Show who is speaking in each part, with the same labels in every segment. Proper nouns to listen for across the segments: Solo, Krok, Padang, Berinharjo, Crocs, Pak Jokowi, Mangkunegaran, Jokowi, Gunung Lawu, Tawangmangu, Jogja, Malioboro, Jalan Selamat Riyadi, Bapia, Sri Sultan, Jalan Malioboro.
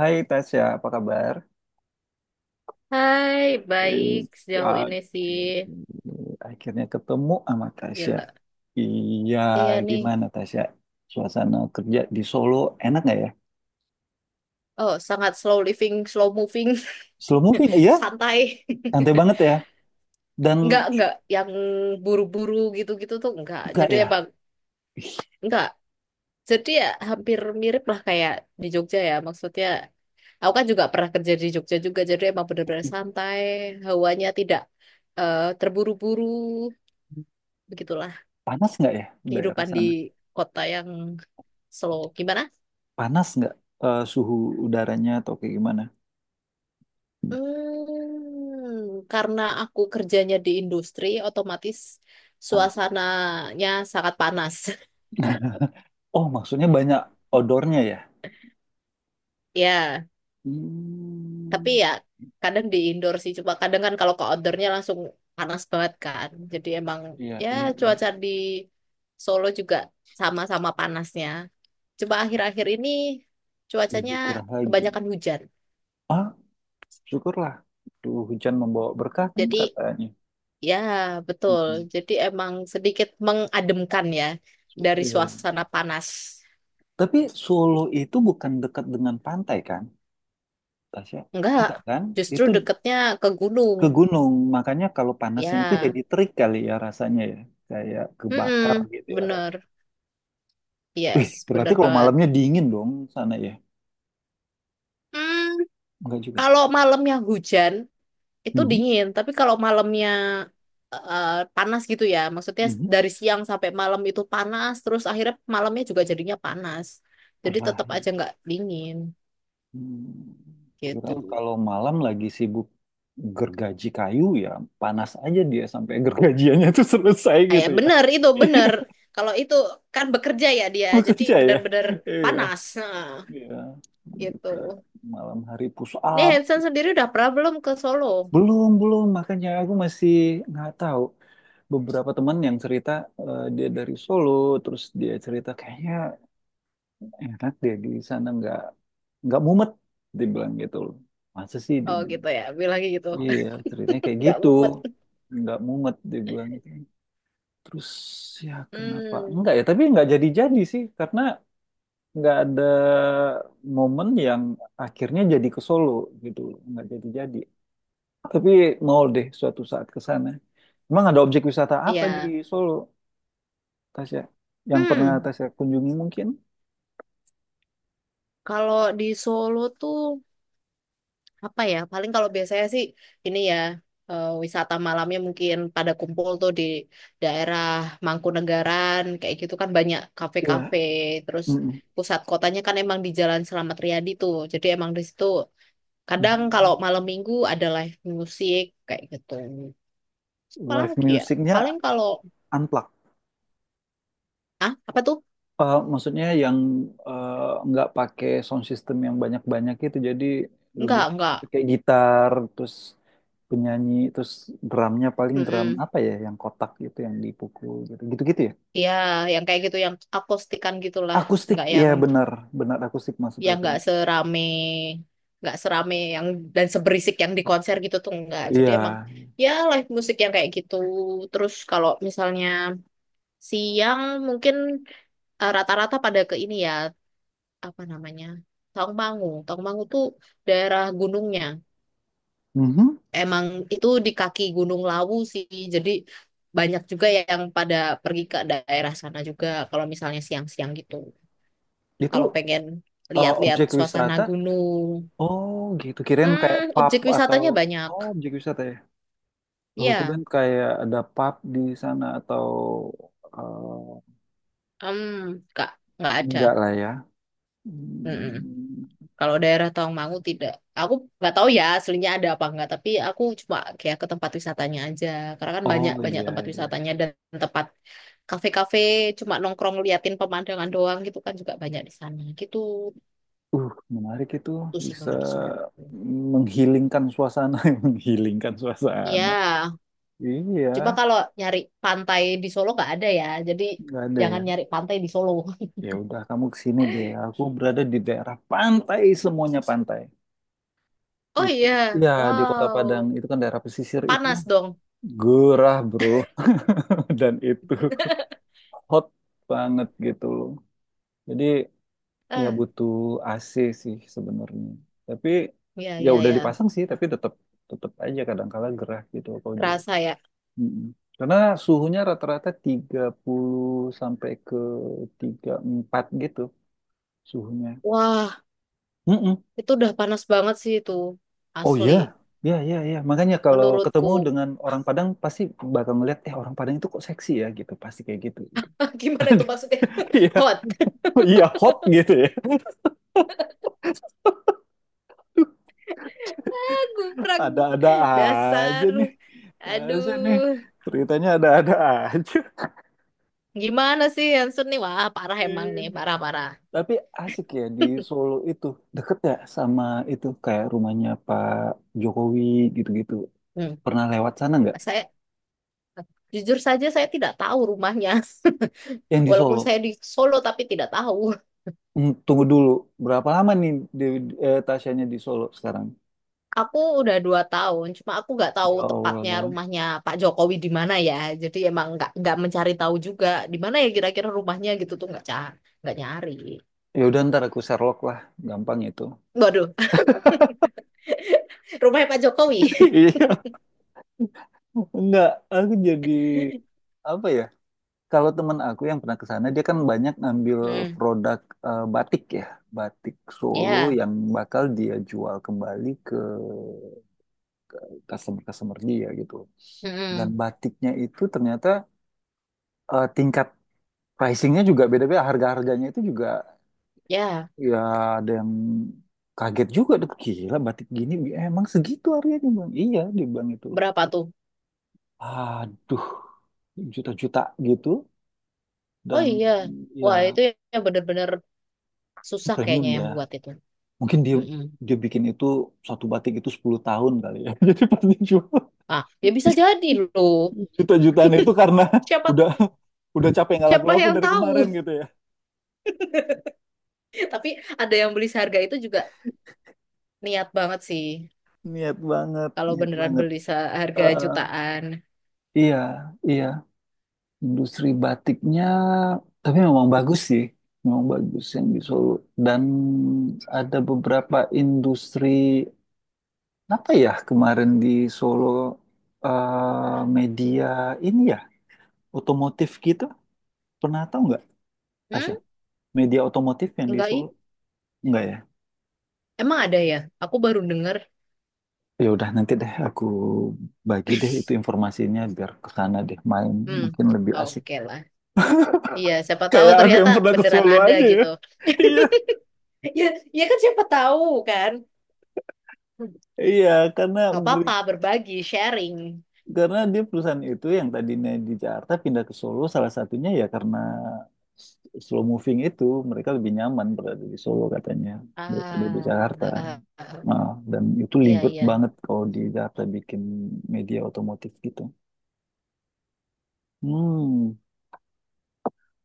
Speaker 1: Hai Tasya, apa kabar?
Speaker 2: Hai,
Speaker 1: Eh,
Speaker 2: baik sejauh
Speaker 1: Ya,
Speaker 2: ini sih.
Speaker 1: oke. Akhirnya ketemu sama Tasya.
Speaker 2: Gila.
Speaker 1: Iya,
Speaker 2: Iya nih.
Speaker 1: gimana Tasya? Suasana kerja di Solo enak nggak ya?
Speaker 2: Oh, sangat slow living, slow moving.
Speaker 1: Slow moving, iya?
Speaker 2: Santai.
Speaker 1: Santai banget ya? Dan
Speaker 2: Enggak, enggak. Yang buru-buru gitu-gitu tuh enggak.
Speaker 1: enggak
Speaker 2: Jadi
Speaker 1: ya?
Speaker 2: emang enggak. Jadi ya hampir mirip lah kayak di Jogja ya. Maksudnya, aku kan juga pernah kerja di Jogja juga. Jadi emang benar-benar santai. Hawanya tidak terburu-buru. Begitulah
Speaker 1: Panas nggak ya daerah
Speaker 2: kehidupan di
Speaker 1: sana?
Speaker 2: kota yang slow. Gimana
Speaker 1: Panas nggak suhu udaranya atau kayak gimana?
Speaker 2: Karena aku kerjanya di industri, otomatis
Speaker 1: Panas.
Speaker 2: suasananya sangat panas.
Speaker 1: Oh, maksudnya banyak odornya ya?
Speaker 2: Ya, tapi
Speaker 1: Hmm,
Speaker 2: ya kadang di indoor sih. Cuma kadang kan kalau ke outdoornya langsung panas banget kan. Jadi emang
Speaker 1: iya,
Speaker 2: ya
Speaker 1: iya, iya.
Speaker 2: cuaca di Solo juga sama-sama panasnya. Coba akhir-akhir ini cuacanya
Speaker 1: Lebih gerah lagi.
Speaker 2: kebanyakan hujan.
Speaker 1: Ah? Syukurlah. Duh, hujan membawa berkah kan
Speaker 2: Jadi
Speaker 1: katanya.
Speaker 2: ya betul.
Speaker 1: Mhm.
Speaker 2: Jadi emang sedikit mengademkan ya dari
Speaker 1: Iya.
Speaker 2: suasana panas.
Speaker 1: Tapi Solo itu bukan dekat dengan pantai kan, Tasya?
Speaker 2: Enggak,
Speaker 1: Enggak kan?
Speaker 2: justru
Speaker 1: Itu
Speaker 2: deketnya ke gunung.
Speaker 1: ke gunung. Makanya kalau panasnya itu jadi
Speaker 2: Ya,
Speaker 1: terik kali ya rasanya ya. Kayak kebakar
Speaker 2: mm
Speaker 1: gitu ya rasanya.
Speaker 2: bener.
Speaker 1: Wih,
Speaker 2: Yes,
Speaker 1: berarti
Speaker 2: bener
Speaker 1: kalau
Speaker 2: banget.
Speaker 1: malamnya dingin dong sana ya?
Speaker 2: Hmm,
Speaker 1: Enggak juga.
Speaker 2: kalau malamnya hujan, itu
Speaker 1: Mhm,
Speaker 2: dingin. Tapi kalau malamnya eh, panas gitu ya, maksudnya
Speaker 1: mhm.
Speaker 2: dari siang sampai malam itu panas, terus akhirnya malamnya juga jadinya panas. Jadi
Speaker 1: Gerah.
Speaker 2: tetap aja nggak dingin
Speaker 1: Hmm,
Speaker 2: gitu.
Speaker 1: Kirain kalau malam lagi sibuk gergaji kayu ya panas aja dia sampai gergajiannya tuh selesai gitu
Speaker 2: Kayak
Speaker 1: ya.
Speaker 2: bener itu,
Speaker 1: Iya,
Speaker 2: bener. Kalau itu kan bekerja ya dia, jadi
Speaker 1: bekerja ya.
Speaker 2: bener-bener
Speaker 1: Iya,
Speaker 2: panas. Nah,
Speaker 1: iya.
Speaker 2: gitu.
Speaker 1: Gitu. Malam hari push
Speaker 2: Nih
Speaker 1: up.
Speaker 2: Hansen sendiri udah pernah belum ke Solo?
Speaker 1: Belum, belum. Makanya aku masih nggak tahu. Beberapa teman yang cerita dia dari Solo, terus dia cerita kayaknya enak dia di sana nggak mumet, dibilang gitu loh. Masa sih? Dia
Speaker 2: Oh gitu
Speaker 1: bilang.
Speaker 2: ya, bilangnya gitu.
Speaker 1: Iya, ceritanya kayak
Speaker 2: Nggak
Speaker 1: gitu.
Speaker 2: mumet.
Speaker 1: Nggak mumet dia bilang gitu. Terus ya kenapa?
Speaker 2: Hmm,
Speaker 1: Enggak ya, tapi nggak jadi-jadi sih. Karena nggak ada momen yang akhirnya jadi ke Solo gitu. Nggak jadi-jadi. Tapi mau deh suatu saat ke sana. Emang ada objek wisata apa di
Speaker 2: ya.
Speaker 1: Solo, Tasya? Yang pernah
Speaker 2: Hmm,
Speaker 1: Tasya kunjungi mungkin?
Speaker 2: kalau di Solo tuh apa ya? Paling kalau biasanya sih ini ya wisata malamnya mungkin pada kumpul tuh di daerah Mangkunegaran kayak gitu kan banyak
Speaker 1: ya.
Speaker 2: kafe-kafe. Terus
Speaker 1: Mm-mm.
Speaker 2: pusat kotanya kan emang di Jalan Selamat Riyadi tuh. Jadi emang di situ kadang kalau
Speaker 1: Mm.
Speaker 2: malam minggu ada live musik kayak gitu. Terus apa
Speaker 1: Live
Speaker 2: lagi ya? Paling
Speaker 1: musicnya
Speaker 2: kalau.
Speaker 1: unplugged.
Speaker 2: Ah, apa tuh?
Speaker 1: Maksudnya yang eh, nggak pakai sound system yang banyak-banyak itu jadi lebih
Speaker 2: Enggak, enggak.
Speaker 1: kayak gitar terus penyanyi terus drumnya paling drum
Speaker 2: Mm-mm.
Speaker 1: apa ya yang kotak gitu yang dipukul gitu gitu-gitu ya
Speaker 2: Ya, yang kayak gitu, yang akustikan gitulah.
Speaker 1: akustik
Speaker 2: Enggak
Speaker 1: iya
Speaker 2: yang,
Speaker 1: benar benar akustik maksud
Speaker 2: yang
Speaker 1: aku
Speaker 2: enggak serame yang dan seberisik yang di konser gitu tuh enggak. Jadi emang
Speaker 1: iya.
Speaker 2: ya live musik yang kayak gitu. Terus kalau misalnya siang mungkin rata-rata pada ke ini ya, apa namanya? Tawangmangu. Tawangmangu tuh daerah gunungnya.
Speaker 1: Mhm.
Speaker 2: Emang itu di kaki Gunung Lawu sih. Jadi banyak juga yang pada pergi ke daerah sana juga kalau misalnya siang-siang gitu. Kalau
Speaker 1: Itu
Speaker 2: pengen lihat-lihat
Speaker 1: objek
Speaker 2: suasana
Speaker 1: wisata,
Speaker 2: gunung.
Speaker 1: oh gitu kirain kayak
Speaker 2: Hmm,
Speaker 1: pub
Speaker 2: objek
Speaker 1: atau,
Speaker 2: wisatanya banyak.
Speaker 1: oh objek wisata ya, oh kirain
Speaker 2: Ya,
Speaker 1: kayak ada pub di sana atau eh,
Speaker 2: hmm, nggak nggak ada.
Speaker 1: enggak lah ya.
Speaker 2: Mm-mm.
Speaker 1: Hmm.
Speaker 2: Kalau daerah Tawangmangu tidak. Aku nggak tahu ya aslinya ada apa enggak, tapi aku cuma kayak ke tempat wisatanya aja. Karena kan banyak
Speaker 1: Oh
Speaker 2: banyak
Speaker 1: iya,
Speaker 2: tempat
Speaker 1: iya.
Speaker 2: wisatanya dan tempat kafe-kafe cuma nongkrong liatin pemandangan doang gitu kan juga banyak di sana. Gitu
Speaker 1: Uh, menarik itu
Speaker 2: tuh sih
Speaker 1: bisa
Speaker 2: kalau di Solo.
Speaker 1: menghilingkan suasana, menghilingkan
Speaker 2: Iya,
Speaker 1: suasana.
Speaker 2: cuma
Speaker 1: Iya,
Speaker 2: kalau nyari pantai di Solo nggak ada ya. Jadi
Speaker 1: nggak ada ya.
Speaker 2: jangan nyari pantai di Solo.
Speaker 1: Ya udah kamu kesini deh. Aku berada di daerah pantai, semuanya pantai.
Speaker 2: Oh
Speaker 1: Itu.
Speaker 2: iya,
Speaker 1: Ya di Kota Padang
Speaker 2: wow.
Speaker 1: itu kan daerah pesisir itu
Speaker 2: Panas dong.
Speaker 1: gerah, Bro. Dan itu hot banget gitu loh. Jadi ya
Speaker 2: Eh,
Speaker 1: butuh AC sih sebenarnya. Tapi
Speaker 2: ya,
Speaker 1: ya
Speaker 2: ya.
Speaker 1: udah
Speaker 2: Iya.
Speaker 1: dipasang sih, tapi tetap tetap aja kadang kala gerah gitu kalau di.
Speaker 2: Kerasa ya.
Speaker 1: Mm-mm. Karena suhunya rata-rata 30 sampai ke 34 gitu suhunya.
Speaker 2: Wah,
Speaker 1: Mm-mm.
Speaker 2: itu udah panas banget sih itu.
Speaker 1: Oh
Speaker 2: Asli.
Speaker 1: iya. Ya, ya, ya. Makanya kalau
Speaker 2: Menurutku.
Speaker 1: ketemu dengan orang Padang pasti bakal ngeliat, eh orang Padang itu kok seksi ya gitu, pasti kayak gitu. Gitu.
Speaker 2: Gimana itu maksudnya?
Speaker 1: Iya,
Speaker 2: Hot.
Speaker 1: oh, iya hot gitu ya.
Speaker 2: Guprak.
Speaker 1: Ada-ada aja
Speaker 2: Dasar.
Speaker 1: nih. Asik nih.
Speaker 2: Aduh.
Speaker 1: Ceritanya ada-ada aja.
Speaker 2: Gimana sih Hansun nih? Wah, parah emang nih. Parah-parah.
Speaker 1: Tapi asik ya di Solo itu. Deket ya sama itu kayak rumahnya Pak Jokowi gitu-gitu.
Speaker 2: Hmm.
Speaker 1: Pernah lewat sana nggak?
Speaker 2: Saya jujur saja saya tidak tahu rumahnya.
Speaker 1: Yang di
Speaker 2: Walaupun
Speaker 1: Solo.
Speaker 2: saya di Solo tapi tidak tahu.
Speaker 1: Tunggu dulu. Berapa lama nih Dewi, Tasyanya di Solo sekarang?
Speaker 2: Aku udah 2 tahun, cuma aku nggak tahu
Speaker 1: Ya
Speaker 2: tepatnya
Speaker 1: Allah.
Speaker 2: rumahnya Pak Jokowi di mana ya. Jadi emang nggak mencari tahu juga di mana ya kira-kira rumahnya gitu tuh nggak nggak nyari.
Speaker 1: Ya udah ntar aku Sherlock lah. Gampang itu.
Speaker 2: Waduh, rumahnya Pak Jokowi.
Speaker 1: Iya. Enggak, aku jadi apa ya? Kalau teman aku yang pernah ke sana, dia kan banyak ngambil
Speaker 2: Hmm,
Speaker 1: produk batik ya, batik Solo
Speaker 2: ya,
Speaker 1: yang bakal dia jual kembali ke customer-customer dia gitu. Dan
Speaker 2: hmm,
Speaker 1: batiknya itu ternyata tingkat pricingnya juga beda-beda, harga-harganya itu juga
Speaker 2: ya,
Speaker 1: ya ada yang kaget juga. Duh, gila batik gini emang segitu harganya bang? Iya, dia bilang itu.
Speaker 2: berapa tuh?
Speaker 1: Aduh, juta-juta gitu
Speaker 2: Oh
Speaker 1: dan
Speaker 2: iya, wah
Speaker 1: ya
Speaker 2: itu ya bener-bener susah
Speaker 1: premium
Speaker 2: kayaknya yang
Speaker 1: ya.
Speaker 2: buat itu.
Speaker 1: Mungkin dia
Speaker 2: Hmm,
Speaker 1: dia bikin itu satu batik itu 10 tahun kali ya. Jadi pasti jual
Speaker 2: ah, ya bisa jadi loh.
Speaker 1: juta-jutaan itu karena
Speaker 2: Siapa
Speaker 1: udah udah capek nggak
Speaker 2: siapa
Speaker 1: laku-laku
Speaker 2: yang
Speaker 1: dari kemarin
Speaker 2: tahu?
Speaker 1: gitu ya.
Speaker 2: Tapi ada yang beli seharga itu juga niat banget sih.
Speaker 1: Niat banget,
Speaker 2: Kalau
Speaker 1: niat
Speaker 2: beneran
Speaker 1: banget.
Speaker 2: beli seharga
Speaker 1: Eh,
Speaker 2: jutaan,
Speaker 1: iya, iya. Industri batiknya, tapi memang bagus sih. Memang bagus yang di Solo. Dan ada beberapa industri, apa ya kemarin di Solo, media ini ya, otomotif gitu. Pernah tahu nggak,
Speaker 2: hmm,
Speaker 1: Tasya? Media otomotif yang di
Speaker 2: enggak ih,
Speaker 1: Solo? Enggak ya?
Speaker 2: emang ada ya? Aku baru denger.
Speaker 1: Ya udah nanti deh aku bagi deh itu informasinya biar ke sana deh main
Speaker 2: Hmm,
Speaker 1: mungkin lebih asik.
Speaker 2: oke lah. Iya, siapa tahu
Speaker 1: Kayak aku
Speaker 2: ternyata
Speaker 1: yang pernah ke
Speaker 2: beneran
Speaker 1: Solo
Speaker 2: ada
Speaker 1: aja ya.
Speaker 2: gitu.
Speaker 1: Iya.
Speaker 2: Ya, ya kan siapa tahu kan.
Speaker 1: Iya, karena
Speaker 2: Gak
Speaker 1: beri-
Speaker 2: apa-apa, berbagi, sharing.
Speaker 1: karena dia perusahaan itu yang tadinya di Jakarta pindah ke Solo salah satunya ya karena s- slow moving itu mereka lebih nyaman berada di Solo katanya daripada di
Speaker 2: Ah,
Speaker 1: Jakarta.
Speaker 2: ah, ah, ah.
Speaker 1: Nah, dan itu
Speaker 2: Iya,
Speaker 1: libet
Speaker 2: iya.
Speaker 1: banget kalau di Jakarta bikin media otomotif gitu. Hmm.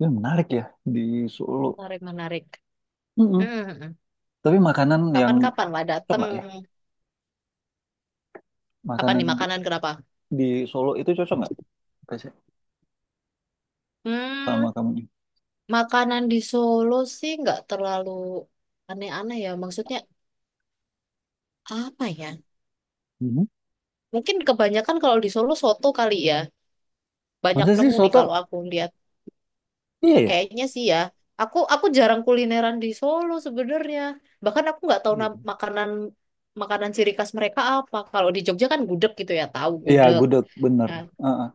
Speaker 1: Ya, menarik ya di Solo.
Speaker 2: Menarik, menarik.
Speaker 1: Mm-mm.
Speaker 2: Hmm,
Speaker 1: Tapi makanan yang
Speaker 2: kapan-kapan lah
Speaker 1: cocok nggak
Speaker 2: dateng.
Speaker 1: ya?
Speaker 2: Apa
Speaker 1: Makanan
Speaker 2: nih makanan kenapa?
Speaker 1: di Solo itu cocok nggak? Tasya, sama
Speaker 2: Hmm,
Speaker 1: kamu.
Speaker 2: makanan di Solo sih nggak terlalu aneh-aneh ya. Maksudnya apa ya?
Speaker 1: Mhm.
Speaker 2: Mungkin kebanyakan kalau di Solo soto kali ya. Banyak
Speaker 1: Masa sih
Speaker 2: nemu nih
Speaker 1: soto?
Speaker 2: kalau aku lihat.
Speaker 1: Iya ya?
Speaker 2: Kayaknya sih ya. Aku jarang kulineran di Solo sebenarnya. Bahkan aku nggak tahu
Speaker 1: Iya,
Speaker 2: makanan makanan ciri khas mereka apa. Kalau di Jogja kan gudeg gitu ya, tahu
Speaker 1: iya,
Speaker 2: gudeg.
Speaker 1: gudeg bener.
Speaker 2: Nah,
Speaker 1: Uh-uh.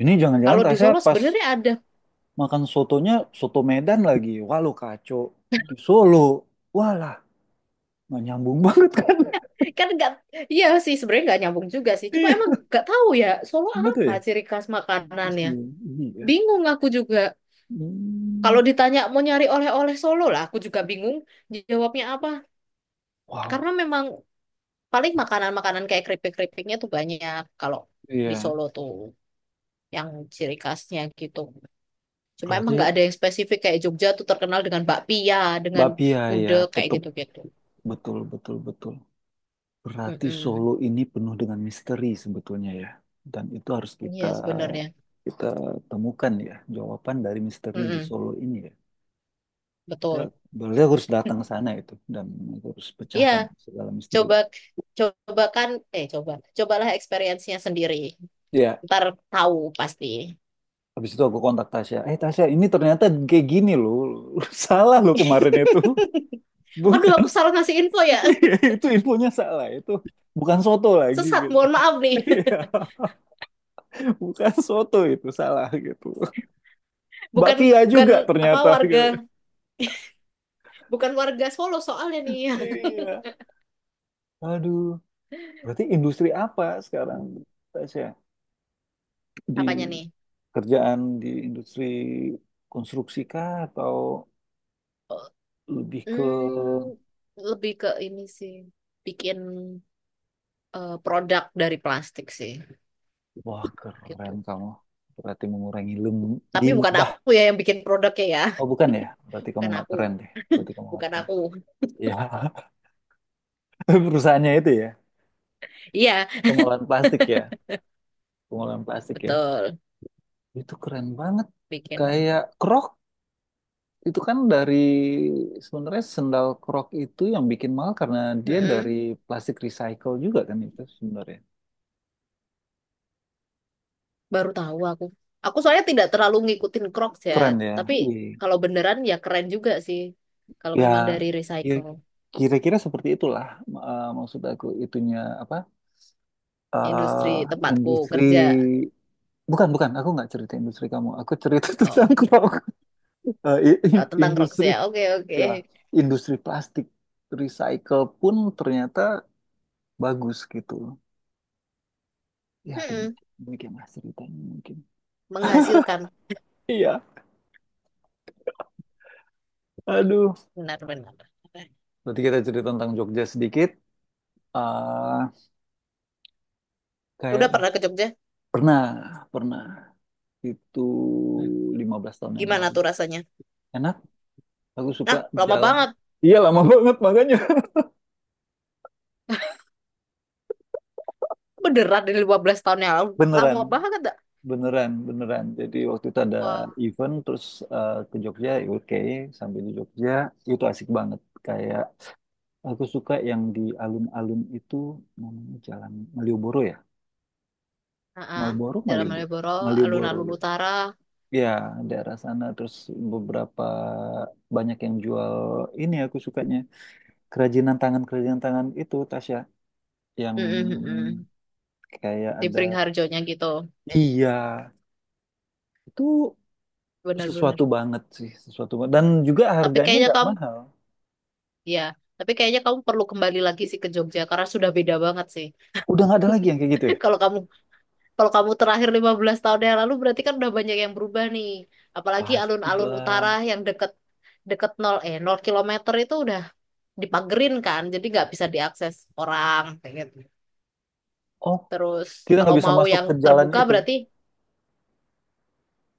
Speaker 1: Ini jangan-jangan
Speaker 2: kalau di
Speaker 1: Tasya
Speaker 2: Solo
Speaker 1: pas
Speaker 2: sebenarnya ada.
Speaker 1: makan sotonya soto Medan lagi. Wah lu kacau. Di Solo. Walah, nggak nyambung banget kan?
Speaker 2: Kan nggak, iya sih sebenarnya nggak nyambung juga sih. Cuma
Speaker 1: Iya,
Speaker 2: emang nggak tahu ya Solo
Speaker 1: bener tuh
Speaker 2: apa
Speaker 1: ya.
Speaker 2: ciri khas
Speaker 1: Terus
Speaker 2: makanannya.
Speaker 1: ini ya.
Speaker 2: Bingung aku juga.
Speaker 1: Hmm.
Speaker 2: Kalau ditanya mau nyari oleh-oleh Solo lah, aku juga bingung jawabnya apa. Karena
Speaker 1: Wow.
Speaker 2: memang paling makanan-makanan kayak keripik-keripiknya tuh banyak kalau di
Speaker 1: Iya.
Speaker 2: Solo tuh. Yang ciri khasnya gitu. Cuma emang
Speaker 1: Berarti
Speaker 2: nggak ada yang spesifik kayak Jogja tuh terkenal dengan bakpia, dengan
Speaker 1: Bapia ya,
Speaker 2: gudeg kayak
Speaker 1: petuk.
Speaker 2: gitu-gitu.
Speaker 1: Betul, betul, betul. Berarti Solo
Speaker 2: Mm-mm.
Speaker 1: ini penuh dengan misteri sebetulnya ya. Dan itu harus kita
Speaker 2: Iya sebenarnya.
Speaker 1: kita temukan ya jawaban dari misteri di
Speaker 2: Mm-mm.
Speaker 1: Solo ini ya. Kita
Speaker 2: Betul.
Speaker 1: berarti aku harus datang ke sana itu dan aku harus
Speaker 2: Iya,
Speaker 1: pecahkan segala misteri.
Speaker 2: coba coba kan coba cobalah experience-nya sendiri.
Speaker 1: Ya,
Speaker 2: Ntar tahu pasti.
Speaker 1: habis itu aku kontak Tasya. Eh Tasya, ini ternyata kayak gini loh. Salah loh kemarin itu.
Speaker 2: Aduh,
Speaker 1: Bukan.
Speaker 2: aku salah ngasih info ya.
Speaker 1: Iya, itu infonya salah. Itu bukan soto lagi
Speaker 2: Sesat,
Speaker 1: gitu.
Speaker 2: mohon maaf nih.
Speaker 1: Iya, bukan soto itu salah gitu. Mbak
Speaker 2: Bukan
Speaker 1: Pia
Speaker 2: bukan
Speaker 1: juga
Speaker 2: apa
Speaker 1: ternyata
Speaker 2: warga,
Speaker 1: gitu.
Speaker 2: bukan warga Solo soalnya nih.
Speaker 1: Iya. Aduh, berarti industri apa sekarang Tasya? Di
Speaker 2: Apanya nih?
Speaker 1: kerjaan di industri konstruksi kah atau
Speaker 2: Oh,
Speaker 1: lebih ke
Speaker 2: Hmm, lebih ke ini sih, bikin produk dari plastik sih,
Speaker 1: wah
Speaker 2: gitu.
Speaker 1: keren kamu. Berarti mengurangi
Speaker 2: Tapi bukan
Speaker 1: limbah.
Speaker 2: aku ya yang bikin produknya ya,
Speaker 1: Oh bukan ya? Berarti kamu
Speaker 2: bukan
Speaker 1: nggak
Speaker 2: aku,
Speaker 1: keren deh. Berarti kamu nggak
Speaker 2: bukan
Speaker 1: keren.
Speaker 2: aku.
Speaker 1: Iya, perusahaannya itu ya.
Speaker 2: Iya,
Speaker 1: Pengolahan plastik ya. Pengolahan plastik ya.
Speaker 2: betul,
Speaker 1: Itu keren banget.
Speaker 2: bikin.
Speaker 1: Kayak Krok, itu kan dari sebenarnya sendal krok itu yang bikin mahal karena dia dari
Speaker 2: Mm-mm.
Speaker 1: plastik recycle juga kan itu sebenarnya.
Speaker 2: Baru tahu aku. Aku soalnya tidak terlalu ngikutin Crocs ya,
Speaker 1: Keren ya.
Speaker 2: tapi
Speaker 1: Iya.
Speaker 2: kalau beneran ya keren juga sih. Kalau
Speaker 1: Ya
Speaker 2: memang dari
Speaker 1: ki-
Speaker 2: recycle,
Speaker 1: kira-kira seperti itulah maksud aku itunya apa?
Speaker 2: industri
Speaker 1: eh
Speaker 2: tempatku
Speaker 1: industri,
Speaker 2: kerja.
Speaker 1: bukan bukan aku nggak cerita industri kamu. Aku cerita tentang
Speaker 2: Oh,
Speaker 1: krok.
Speaker 2: tentang Crocs
Speaker 1: Industri
Speaker 2: ya. Oke, oke.
Speaker 1: ya industri plastik recycle pun ternyata bagus gitu. Ya
Speaker 2: Mm-mm.
Speaker 1: demikian, demikianlah ceritanya mungkin.
Speaker 2: Menghasilkan,
Speaker 1: Iya. Aduh,
Speaker 2: benar-benar.
Speaker 1: berarti kita cerita tentang Jogja sedikit. Ah,
Speaker 2: Udah
Speaker 1: kayak
Speaker 2: pernah ke Jogja?
Speaker 1: pernah, pernah itu
Speaker 2: Hmm.
Speaker 1: 15 tahun yang
Speaker 2: Gimana
Speaker 1: lalu.
Speaker 2: tuh rasanya?
Speaker 1: Enak, aku suka
Speaker 2: Nah, lama
Speaker 1: jalan.
Speaker 2: banget.
Speaker 1: Iya, lama banget makanya.
Speaker 2: Beneran dari 15 tahun yang lalu.
Speaker 1: Beneran,
Speaker 2: Lama banget dah.
Speaker 1: beneran, beneran. Jadi waktu itu ada
Speaker 2: Wah,
Speaker 1: event, terus ke Jogja, ya oke. Sampai di Jogja, itu asik banget. Kayak aku suka yang di alun-alun itu namanya Jalan Malioboro ya?
Speaker 2: heeh.
Speaker 1: Malboro,
Speaker 2: Jalan
Speaker 1: Malioboro.
Speaker 2: Malioboro,
Speaker 1: Malioboro.
Speaker 2: alun-alun
Speaker 1: Ya.
Speaker 2: utara.
Speaker 1: Ya, daerah sana terus beberapa banyak yang jual ini aku sukanya kerajinan tangan itu Tasya yang
Speaker 2: Mm-mm, mm-mm.
Speaker 1: kayak
Speaker 2: Di
Speaker 1: ada
Speaker 2: Beringharjonya gitu.
Speaker 1: iya itu sesuatu
Speaker 2: Bener-bener.
Speaker 1: banget sih sesuatu banget. Dan juga
Speaker 2: Tapi
Speaker 1: harganya
Speaker 2: kayaknya
Speaker 1: nggak
Speaker 2: kamu,
Speaker 1: mahal
Speaker 2: ya. Tapi kayaknya kamu perlu kembali lagi sih ke Jogja karena sudah beda banget sih.
Speaker 1: udah nggak ada lagi yang kayak gitu ya
Speaker 2: Kalau kamu kalau kamu terakhir 15 tahun yang lalu berarti kan udah banyak yang berubah nih. Apalagi alun-alun
Speaker 1: pastilah
Speaker 2: utara yang deket deket nol kilometer itu udah dipagerin kan, jadi nggak bisa diakses orang kayak gitu.
Speaker 1: oh
Speaker 2: Terus
Speaker 1: kita
Speaker 2: kalau
Speaker 1: nggak bisa
Speaker 2: mau
Speaker 1: masuk
Speaker 2: yang
Speaker 1: ke jalan
Speaker 2: terbuka
Speaker 1: itu
Speaker 2: berarti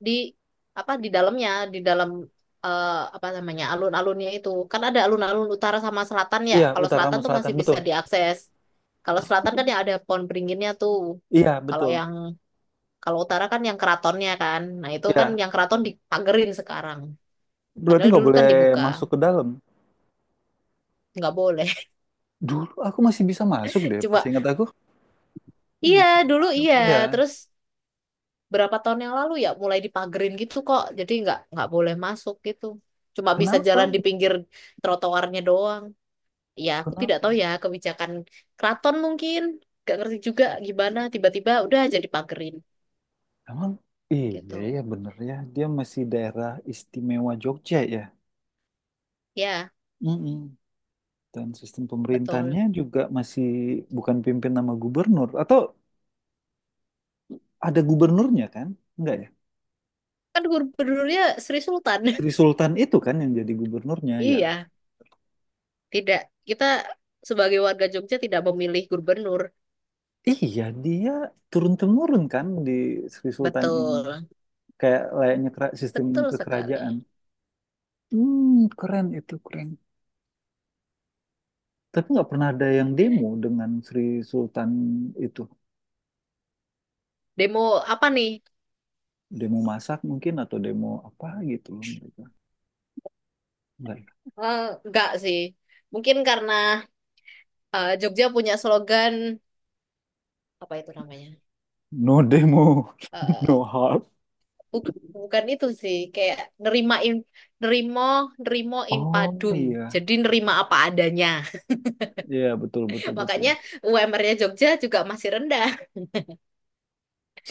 Speaker 2: di apa di dalamnya, di dalam apa namanya alun-alunnya itu. Kan ada alun-alun utara sama selatan ya.
Speaker 1: iya
Speaker 2: Kalau
Speaker 1: utara
Speaker 2: selatan
Speaker 1: sama
Speaker 2: tuh
Speaker 1: selatan
Speaker 2: masih
Speaker 1: betul.
Speaker 2: bisa diakses. Kalau selatan kan
Speaker 1: Ah,
Speaker 2: yang ada pohon beringinnya tuh.
Speaker 1: iya
Speaker 2: Kalau
Speaker 1: betul
Speaker 2: yang kalau utara kan yang keratonnya kan. Nah, itu kan
Speaker 1: ya
Speaker 2: yang keraton dipagerin sekarang.
Speaker 1: berarti
Speaker 2: Padahal
Speaker 1: nggak
Speaker 2: dulu kan
Speaker 1: boleh
Speaker 2: dibuka,
Speaker 1: masuk ke dalam
Speaker 2: nggak boleh.
Speaker 1: dulu aku masih bisa masuk deh
Speaker 2: Cuma
Speaker 1: seingat aku
Speaker 2: iya
Speaker 1: bisa
Speaker 2: dulu
Speaker 1: masuk
Speaker 2: iya,
Speaker 1: ya
Speaker 2: terus berapa tahun yang lalu ya mulai dipagerin gitu kok. Jadi nggak boleh masuk gitu. Cuma bisa
Speaker 1: kenapa
Speaker 2: jalan di pinggir trotoarnya doang. Ya aku tidak tahu
Speaker 1: kenapa
Speaker 2: ya kebijakan keraton mungkin. Gak ngerti juga gimana tiba-tiba udah jadi pagerin
Speaker 1: emang iya
Speaker 2: gitu.
Speaker 1: iya bener ya dia masih daerah istimewa Jogja ya.
Speaker 2: Ya
Speaker 1: Mm-mm. Dan sistem
Speaker 2: betul.
Speaker 1: pemerintahannya juga masih bukan pimpin nama gubernur atau ada gubernurnya kan enggak ya
Speaker 2: Kan gubernurnya Sri Sultan.
Speaker 1: Sri Sultan itu kan yang jadi gubernurnya ya
Speaker 2: Iya tidak kita sebagai warga Jogja tidak memilih gubernur.
Speaker 1: iya dia turun temurun kan di Sri Sultan ini
Speaker 2: Betul.
Speaker 1: kayak layaknya sistem
Speaker 2: Betul sekali.
Speaker 1: kekerajaan hmm keren itu keren. Tapi nggak pernah ada yang demo dengan Sri Sultan itu.
Speaker 2: Demo apa nih?
Speaker 1: Demo masak mungkin atau demo apa gitu loh mereka. Nggak ya?
Speaker 2: Eh, nggak sih. Mungkin karena Jogja punya slogan apa itu namanya?
Speaker 1: No demo,
Speaker 2: Eh,
Speaker 1: no harm.
Speaker 2: bu- bukan itu sih, kayak nerimain nerimo nerimo
Speaker 1: Oh
Speaker 2: impadum.
Speaker 1: iya,
Speaker 2: Jadi nerima apa adanya.
Speaker 1: iya betul betul betul.
Speaker 2: Makanya UMR-nya Jogja juga masih rendah.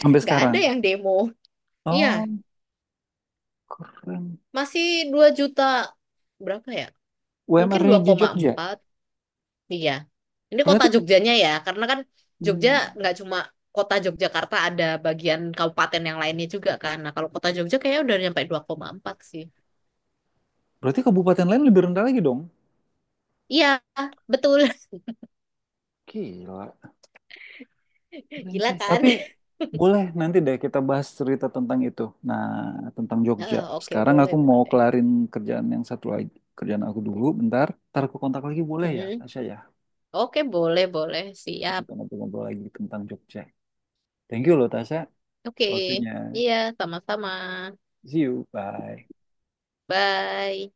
Speaker 1: Sampai
Speaker 2: Nggak
Speaker 1: sekarang.
Speaker 2: ada yang demo. Iya,
Speaker 1: Oh keren.
Speaker 2: masih 2 juta berapa ya? Mungkin
Speaker 1: UMR-nya
Speaker 2: dua
Speaker 1: di
Speaker 2: koma
Speaker 1: Jogja.
Speaker 2: empat, Iya. Ini kota
Speaker 1: Berarti
Speaker 2: Jogjanya ya, karena kan Jogja
Speaker 1: hmm,
Speaker 2: nggak cuma kota Yogyakarta ada bagian kabupaten yang lainnya juga kan. Nah, kalau kota Jogja kayaknya udah nyampe 2,4 sih.
Speaker 1: berarti kabupaten lain lebih rendah lagi dong.
Speaker 2: Iya, betul.
Speaker 1: Gila. Keren
Speaker 2: Gila
Speaker 1: sih.
Speaker 2: kan?
Speaker 1: Tapi boleh nanti deh kita bahas cerita tentang itu. Nah, tentang Jogja.
Speaker 2: Ah, oke,
Speaker 1: Sekarang
Speaker 2: boleh,
Speaker 1: aku mau
Speaker 2: boleh.
Speaker 1: kelarin kerjaan yang satu lagi. Kerjaan aku dulu, bentar. Ntar aku kontak lagi boleh ya,
Speaker 2: Mm-mm.
Speaker 1: Tasya ya?
Speaker 2: Oke, boleh, boleh.
Speaker 1: Ntar
Speaker 2: Siap.
Speaker 1: kita ngobrol-ngobrol lagi tentang Jogja. Thank you loh, Tasya.
Speaker 2: Oke.
Speaker 1: Waktunya.
Speaker 2: Iya, sama-sama.
Speaker 1: See you. Bye.
Speaker 2: Bye.